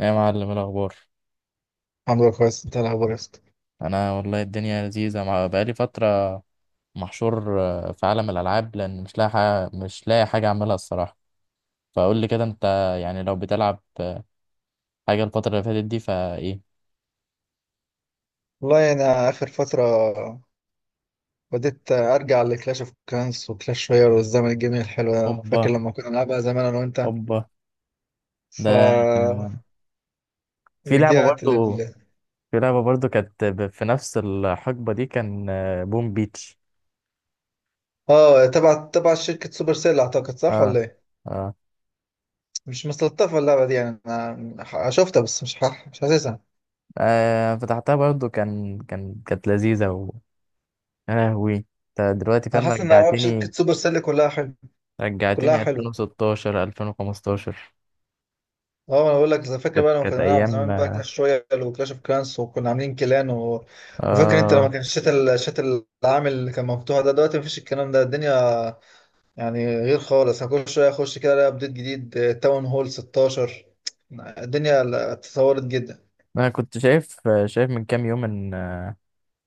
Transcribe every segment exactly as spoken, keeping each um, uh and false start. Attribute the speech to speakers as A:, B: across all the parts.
A: ايه يا معلم، إيه الأخبار؟
B: الحمد لله كويس، انت إيه الاخبار يا اسطى؟
A: أنا والله الدنيا لذيذة مع- بقالي فترة محشور، آه، في عالم الألعاب، لأن مش لاقي حاجة، مش لاقي حاجة أعملها الصراحة. فقول لي كده أنت، يعني لو بتلعب آه، حاجة الفترة اللي فاتت دي فإيه؟
B: والله يعني اخر فتره بديت ارجع لكلاش اوف كلانس وكلاش رويال والزمن الجميل الحلو ده. فاكر
A: أوبا،
B: لما كنا بنلعبها زمان انا وانت؟
A: أوبا.
B: ف
A: ده آه، في لعبة
B: رجعت
A: برضو.
B: لل
A: في لعبة برضو كانت ب- في نفس الحقبة دي، كان آه، بوم بيتش.
B: اه، تبع تبع شركه سوبر سيل اعتقد، صح
A: آه
B: ولا ايه؟
A: آه,
B: مش مستلطفه اللعبه دي يعني، انا ح- شفتها بس مش ح... مش حاسسها.
A: آه، فتحتها برضو، كان كان كانت لذيذة. و يا لهوي، أنت دلوقتي
B: انا
A: فاهم،
B: حاسس ان العاب شركه
A: رجعتني،
B: سوبر سيل كلها حلو، كلها
A: رجعتني
B: حلوه.
A: ألفين وستاشر، ألفين وخمستاشر.
B: اه انا بقول لك، اذا فاكر
A: كانت
B: بقى لما كنا
A: كانت
B: بنلعب
A: ايام.
B: زمان بقى كلاش رويال وكلاش اوف كلانس وكنا عاملين كلان و... وفاكر انت لما
A: آه،
B: كان الشات ال- الشات العامل اللي كان مفتوح ده؟ دلوقتي مفيش الكلام ده، الدنيا يعني غير خالص. انا كل شويه اخش كده الاقي ابديت جديد، تاون هول ستاشر، الدنيا ال- اتطورت جدا.
A: انا كنت شايف، شايف من كام يوم ان،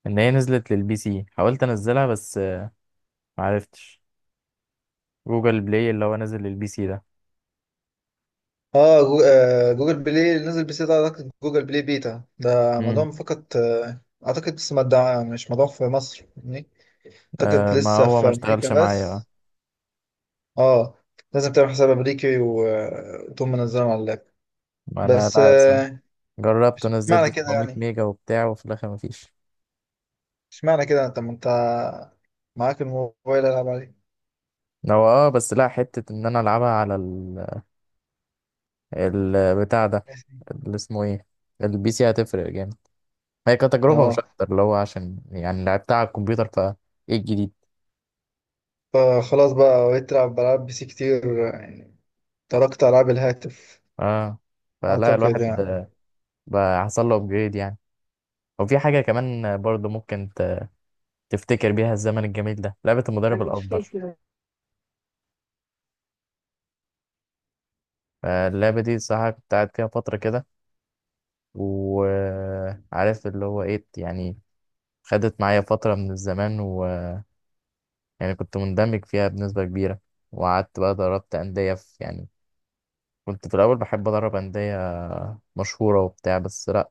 A: ان هي نزلت للبي سي. حاولت انزلها بس معرفتش. جوجل بلاي اللي هو نازل للبي سي ده.
B: اه جو... آه، جوجل بلاي نزل، بس ده اعتقد جوجل بلاي بيتا، ده
A: امم
B: موضوع فقط آه، اعتقد. بس مدعم، مش موضوع في مصر يعني. اعتقد
A: آه، ما
B: لسه
A: هو
B: في
A: ما
B: امريكا
A: اشتغلش معايا بقى.
B: بس. اه لازم تعمل حساب امريكي و- وتقوم منزلهم على اللاب
A: ما انا
B: بس
A: لا أصلاً
B: آه،
A: جربت
B: مش
A: ونزلت
B: معنى كده
A: 700
B: يعني،
A: ميجا وبتاع، وفي الاخر ما فيش.
B: مش معنى كده. انت ما انت معاك الموبايل، العب عليه.
A: هو اه، بس لا، حتة ان انا العبها على ال... البتاع ده،
B: ماشي.
A: اللي اسمه ايه، البي سي، هتفرق جامد. هي كتجربة مش
B: اه
A: أكتر، اللي هو عشان يعني لعبتها على الكمبيوتر، ف إيه الجديد.
B: فخلاص بقى، بقيت تلعب بلعب بي سي كتير يعني، تركت العاب الهاتف.
A: آه فلا
B: اعتقد
A: الواحد آه،
B: يعني.
A: بقى حصل له أبجريد يعني. وفي حاجة كمان آه، برضه ممكن ت- تفتكر بيها الزمن الجميل ده، لعبة المدرب الأفضل. آه، اللعبة دي صراحة كنت قاعد فيها فترة كده، وعارف اللي هو إيه يعني. خدت معايا فترة من الزمان، ويعني كنت مندمج فيها بنسبة كبيرة. وقعدت بقى دربت أندية، في يعني، كنت في الأول بحب أدرب أندية مشهورة وبتاع، بس لأ.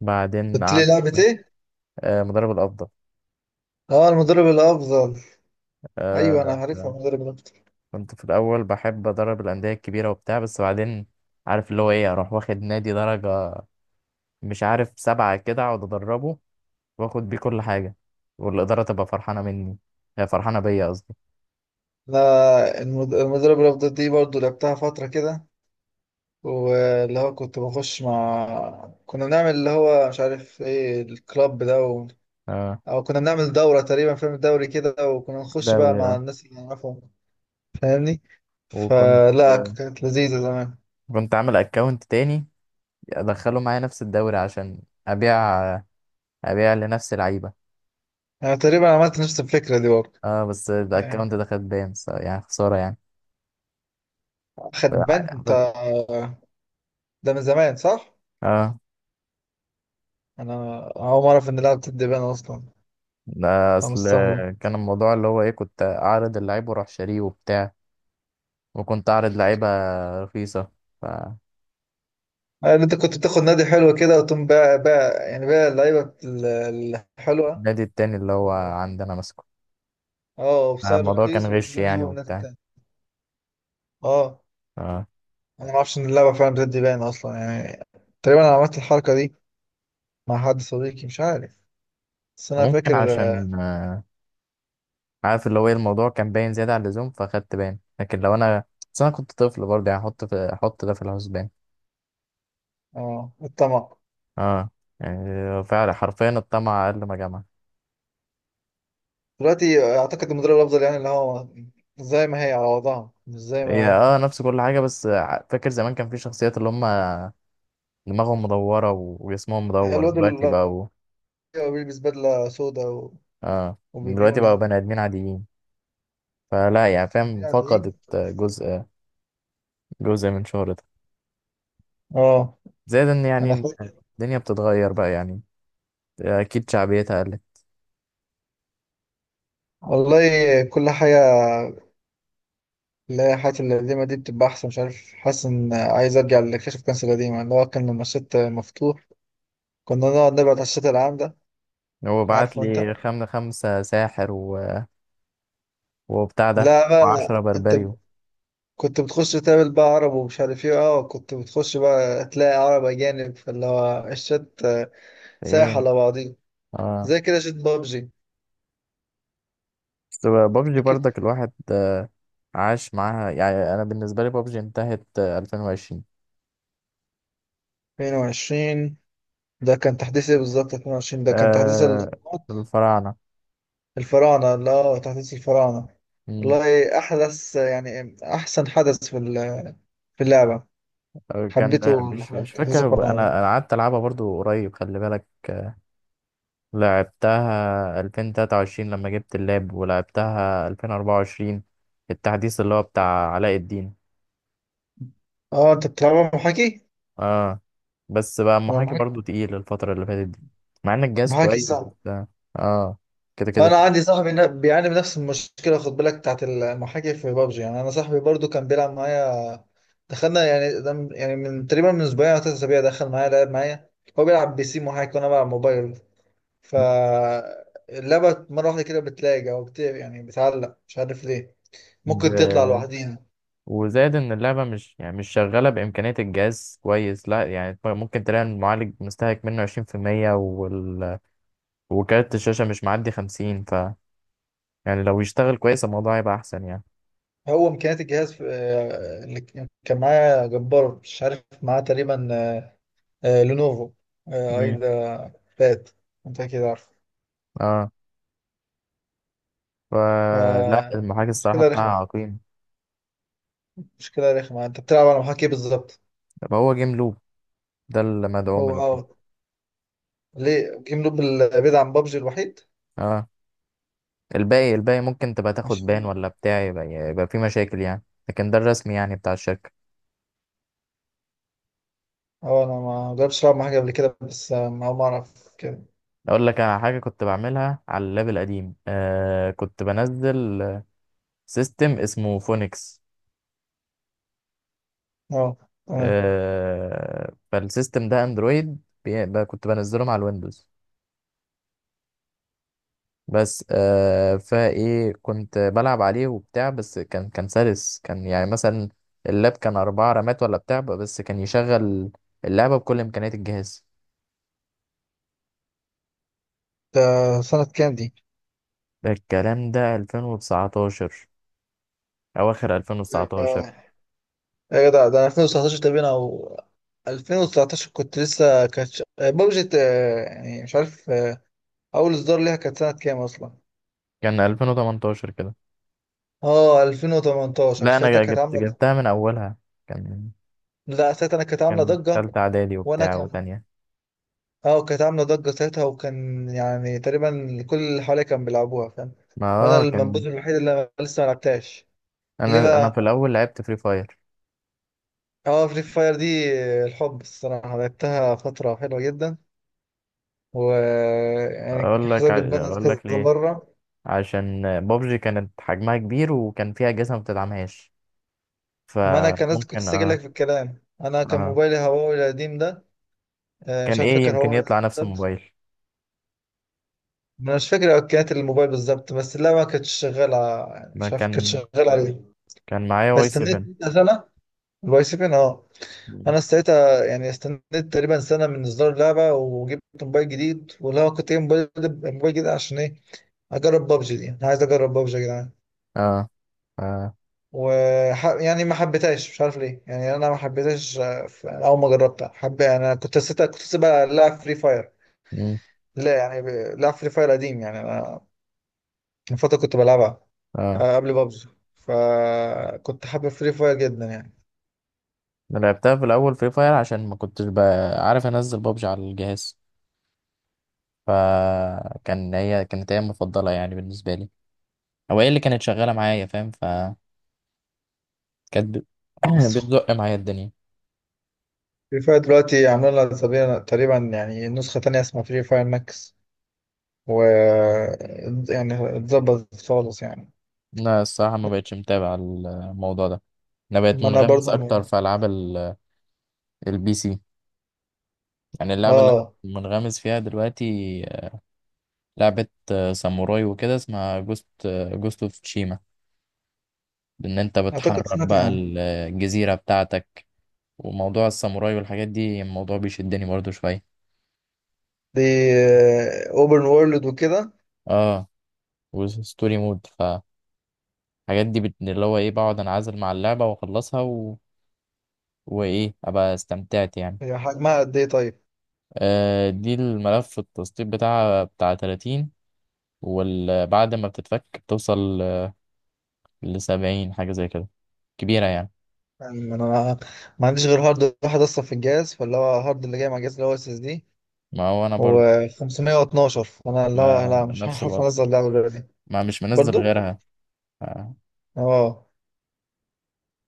A: بعدين
B: قلت لي لعبة ايه؟
A: آه، مدرب الأفضل.
B: اه المدرب الافضل. ايوه انا
A: آه،
B: عارفها، المدرب الافضل.
A: كنت في الأول بحب أدرب الأندية الكبيرة وبتاع، بس بعدين عارف اللي هو إيه، أروح واخد نادي درجة مش عارف سبعة كده، أقعد أدربه، وآخد بيه كل حاجة، والإدارة تبقى فرحانة مني، آه، فرحانة بيا قصدي.
B: انا المد- المدرب الافضل دي برضو لعبتها فترة كده، واللي هو كنت بخش مع كنا بنعمل اللي هو مش عارف ايه الكلاب ده و...
A: آه،
B: او كنا بنعمل دورة تقريبا فيلم الدوري كده، وكنا نخش بقى
A: دوري.
B: مع
A: آه.
B: الناس اللي نعرفهم، فاهمني؟
A: وكنت
B: فلا كانت لذيذة زمان.
A: كنت عامل أكونت تاني أدخله معايا نفس الدوري، عشان أبيع، أبيع لنفس لعيبة.
B: انا تقريبا عملت نفس الفكرة دي برضه.
A: اه، بس
B: يعني
A: الأكونت ده خد بان، ف- يعني خسارة يعني.
B: خدبان انت؟ ده من زمان، صح؟
A: اه،
B: انا اول مرة اعرف ان لعبة الدبان اصلا،
A: ده
B: انا
A: اصل
B: مستغرب.
A: كان الموضوع اللي هو ايه، كنت اعرض اللعيب واروح شاريه وبتاع، وكنت اعرض لعيبه رخيصه، فالنادي
B: يعني انت كنت بتاخد نادي حلو كده، وتقوم بقى بقى يعني بقى اللعيبة ال- الحلوة.
A: التاني اللي هو عندنا ماسكه.
B: اه، وبسعر
A: الموضوع كان
B: رخيص
A: غش يعني
B: وتجيبه من ناحية
A: وبتاع.
B: تانية. اه،
A: ف-
B: انا ما اعرفش ان اللعبة فعلا بتدي باين اصلا يعني. تقريبا انا عملت الحركة دي مع حد صديقي، مش عارف، بس انا
A: فممكن
B: فاكر. اه.
A: عشان آه، عارف اللي هو ايه، الموضوع كان باين زياده عن اللزوم، فخدت باين. لكن لو انا، بس انا كنت طفل برضه يعني، احط في احط ده في الحسبان.
B: آه، الطمع.
A: اه، يعني فعلا حرفيا الطمع اقل ما جمع.
B: دلوقتي اعتقد المدرب الافضل يعني اللي هو زي ما هي على وضعها، مش زي
A: هي
B: ما...
A: اه، نفس كل حاجه، بس ع- فاكر زمان كان في شخصيات اللي هم دماغهم مدورة و- وجسمهم مدور،
B: الواد
A: دلوقتي
B: اللي
A: بقوا،
B: هو بيلبس بدلة سودا و...
A: اه، دلوقتي بقوا
B: وبيبيونه،
A: بني آدمين عاديين. فلا يعني، فاهم،
B: يعني ايه.
A: فقدت جزء، جزء من شهرتها.
B: اه
A: زائد ان،
B: انا
A: يعني
B: فاكر.
A: الدنيا بتتغير بقى يعني، اكيد شعبيتها قلت.
B: والله كل حاجة، لا، حياتي القديمة دي بتبقى أحسن. مش عارف، حاسس إن عايز أرجع لكشف كنز القديمة اللي هو كان لما الشط مفتوح، كنا نقعد نبعد على الشط العام ده،
A: هو بعت
B: عارفه أنت؟
A: لي خمسة خمسة ساحر و... وبتاع ده،
B: لا بقى
A: وعشرة
B: لا. أنت
A: بربريو.
B: كنت بتخش تقابل بقى عرب ومش عارف إيه. أه كنت بتخش بقى تلاقي عرب أجانب، فاللي هو الشط سايح
A: ايه،
B: على بعضيه،
A: اه،
B: زي كده شط بابجي.
A: بس بابجي
B: أكيد.
A: برضك الواحد عاش معاها يعني. انا بالنسبة لي بابجي انتهت ألفين وعشرين.
B: اتنين وعشرين ده كان تحديث إيه بالظبط؟ اتنين وعشرين ده كان تحديث
A: آه، الفراعنة
B: الفراعنة. لا تحديث الفراعنة والله أحدث يعني أحسن حدث في ال- في اللعبة،
A: كان،
B: حبيته.
A: مش مش
B: تحديث
A: فاكر انا،
B: الفراعنة.
A: انا قعدت العبها برضو قريب خلي بالك. لعبتها ألفين وتلاتة وعشرين لما جبت اللاب، ولعبتها ألفين وأربعة وعشرين، التحديث اللي هو بتاع علاء الدين.
B: اه انت بتلعبها محاكي؟
A: اه، بس بقى
B: أنا
A: المحاكي
B: محاكي.
A: برضو تقيل الفترة اللي فاتت دي، مع ان الجهاز
B: محاكي
A: كويس.
B: صعب.
A: بس اه، كده كده
B: انا
A: تقيل.
B: عندي صاحبي نا- بيعاني من نفس المشكلة، خد بالك، بتاعت المحاكي في بابجي. يعني انا صاحبي برضو كان بيلعب معايا، دخلنا يعني ده من- يعني من تقريبا من اسبوعين او ثلاث اسابيع دخل معايا لعب معايا. هو بيلعب بي سي محاكي وانا بلعب موبايل، فاللعبة مرة واحدة كده بتلاقي أو بت... يعني بتعلق مش عارف ليه، ممكن تطلع
A: ب...
B: لوحدينا.
A: وزاد ان اللعبة مش يعني مش شغالة بإمكانية الجهاز كويس، لا يعني، ممكن تلاقي المعالج مستهلك منه عشرين في المية، وال... وكارت الشاشة مش معدي خمسين. يعني لو يشتغل كويس الموضوع هيبقى احسن يعني.
B: هو إمكانيات الجهاز في... آه، اللي ك- كان معايا جبار، مش عارف معاه تقريبا آه، آه، لينوفو آه،
A: امم
B: أيضا بات. أنت أكيد عارف.
A: اه، فلا
B: ف-
A: المحاكي الصراحه
B: مشكلة
A: بتاعها
B: رخمة،
A: عقيم.
B: مشكلة رخمة. أنت بتلعب على محاكي بالظبط.
A: طب هو جيم لوب ده المدعوم
B: هو
A: الوحيد.
B: أه. ليه جيم لوب ال- بعيد عن بابجي الوحيد؟
A: اه، الباقي، الباقي ممكن تبقى
B: مش
A: تاخد بان ولا بتاع، يبقى يبقى في مشاكل يعني. لكن ده الرسمي يعني بتاع الشركه.
B: أه، أنا ما جربتش ألعب مع حاجة قبل كده، بس آه، ما ما أعرف كده.
A: اقول لك على حاجه كنت بعملها على اللاب القديم، آه، كنت بنزل سيستم اسمه فونكس.
B: أه. تمام.
A: آه، فالسيستم ده اندرويد، بي- ب- كنت بنزله مع الويندوز. بس آه، فايه، كنت بلعب عليه وبتاع. بس كان كان سلس، كان يعني مثلا اللاب كان أربعة رامات ولا بتاع، بس كان يشغل اللعبة بكل إمكانيات الجهاز.
B: ده سنة كام دي؟
A: ده الكلام ده ألفين وتسعة عشر، أواخر ألفين وتسعة عشر.
B: آه، يا جدع ده أنا ألفين وتسعتاشر تقريبا أو ألفين وتسعتاشر، كنت لسه كانت بابجي يعني، مش عارف آه، أول إصدار ليها كانت سنة كام أصلا؟
A: كان ألفين وتمنتاشر كده.
B: أه ألفين وتمنتاشر
A: لا،
B: ساعتها
A: أنا
B: كانت
A: جبت،
B: عاملة...
A: جبتها من أولها. كان
B: لا ساعتها أنا كانت عاملة
A: كان
B: ضجة.
A: تالتة إعدادي
B: وأنا
A: وبتاع
B: كان...
A: وتانية.
B: أه كانت عاملة ضجة ساعتها، وكان يعني تقريبا كل اللي حواليا كان بيلعبوها، فاهم؟
A: ما
B: وأنا
A: اه، كان
B: المنبوذ الوحيد اللي أنا لسه ما لعبتهاش. ليه
A: أنا، أنا في
B: بقى؟
A: الأول لعبت فري فاير.
B: أه فري فاير دي آه، الحب الصراحة، لعبتها فترة حلوة جدا، ويعني
A: أقول لك ع-
B: حسابي اتبنت
A: أقول لك
B: كذا
A: ليه،
B: مرة.
A: عشان بابجي كانت حجمها كبير، وكان فيها أجهزة ما بتدعمهاش.
B: ما أنا كان لسه، كنت
A: فممكن
B: لسه
A: اه،
B: لك في الكلام، أنا كان
A: اه،
B: موبايلي هواوي القديم ده، آه، مش
A: كان
B: عارف
A: ايه
B: فاكر
A: يمكن
B: هواوي
A: يطلع نفس
B: بالظبط.
A: الموبايل.
B: أنا مش فاكر إمكانيات الموبايل بالظبط، بس لا ما كانتش شغالة يعني،
A: ما
B: مش عارف كانت
A: كان
B: شغالة عليه.
A: كان معايا واي
B: فاستنيت
A: 7.
B: سنة، الواي سيفين أه. أنا ساعتها يعني استنيت تقريبا سنة من إصدار اللعبة، وجبت موبايل جديد، واللي هو كنت جايب موبايل، موبايل جديد عشان إيه؟ أجرب بابجي دي، أنا عايز أجرب بابجي يا جدعان.
A: اه، اه،
B: و... يعني ما حبيتهاش مش عارف ليه، يعني انا ما حبيتهاش. آه، في- اول ما جربتها حب، يعني انا كنت سيتها، كنت سيبها لا فري فاير.
A: مم.
B: لا يعني ب- لا، فري فاير قديم يعني، انا من فتره كنت بلعبها
A: اه،
B: آه، قبل بابجي، فكنت حابب فري فاير جدا يعني.
A: أنا لعبتها في الأول فري فاير عشان ما كنتش بقى عارف أنزل بابجي على الجهاز. فكان هي كانت هي المفضلة يعني بالنسبة لي، أو هي اللي كانت شغالة معايا، فاهم، فكانت ب-
B: اه بس
A: بتزق معايا الدنيا.
B: فري فاير دلوقتي عاملين لها تقريبا تقريبا يعني نسخة تانية اسمها فري فاير ماكس، و... يعني اتظبطت خالص يعني.
A: لا الصراحة ما بقتش متابع الموضوع ده. أنا بقيت
B: ما انا
A: منغمس
B: برضه
A: أكتر
B: م-
A: في ألعاب البي سي. يعني اللعبة اللي
B: اه
A: أنا منغمس فيها دلوقتي آه، لعبة آه، ساموراي وكده، اسمها جوست، جوست اوف تشيما. إن أنت
B: اعتقد
A: بتحرر
B: سمعت
A: بقى
B: يعني.
A: ال- الجزيرة بتاعتك، وموضوع الساموراي والحاجات دي، الموضوع بيشدني برضو شوية.
B: دي اوبن وورلد وكده.
A: اه، وستوري مود. فالحاجات دي بت... اللي هو ايه، بقعد انعزل مع اللعبة واخلصها و... وايه، ابقى استمتعت يعني.
B: هي حجمها قد ايه طيب؟
A: آه، دي الملف التسطيب بتاعها بتاع تلاتين، وبعد ما بتتفك بتوصل لسبعين حاجة زي كده، كبيرة يعني.
B: يعني انا ما ما عنديش غير هارد واحد اصلا في الجهاز، فاللي هو هارد اللي جاي مع الجهاز اللي هو اس اس دي
A: ما هو انا برضو،
B: و512، فانا اللي هو
A: ما
B: لا، مش
A: نفس
B: هعرف
A: الوضع،
B: انزل اللعبه دلوقتي.
A: ما مش منزل
B: برضو.
A: غيرها. ف-
B: اه.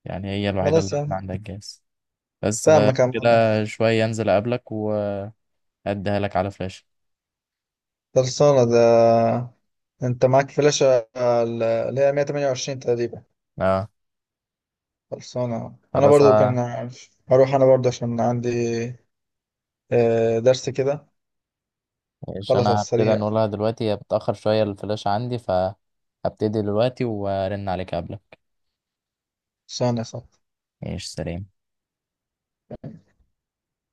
A: يعني هي الوحيدة
B: خلاص
A: اللي
B: يعني.
A: عندها الجهاز. بس آه،
B: فاهمك يا عم.
A: كده، شوية انزل اقابلك واديها لك على فلاشة.
B: خلصانه ده؟ انت معاك فلاشه ال- اللي هي ميه وتمنية وعشرين تقريبا؟
A: اه،
B: خلصانه. انا
A: خلاص.
B: برضو كان
A: آه،
B: عارف هروح، انا برضو عشان عندي آه، درس كده.
A: مش
B: خلاص على
A: انا هبتدي
B: السريع.
A: نقولها دلوقتي، هي بتأخر شوية الفلاشة عندي، فهبتدي دلوقتي وارن عليك قبلك.
B: خلصانه يا صاحبي.
A: ايش، سلام.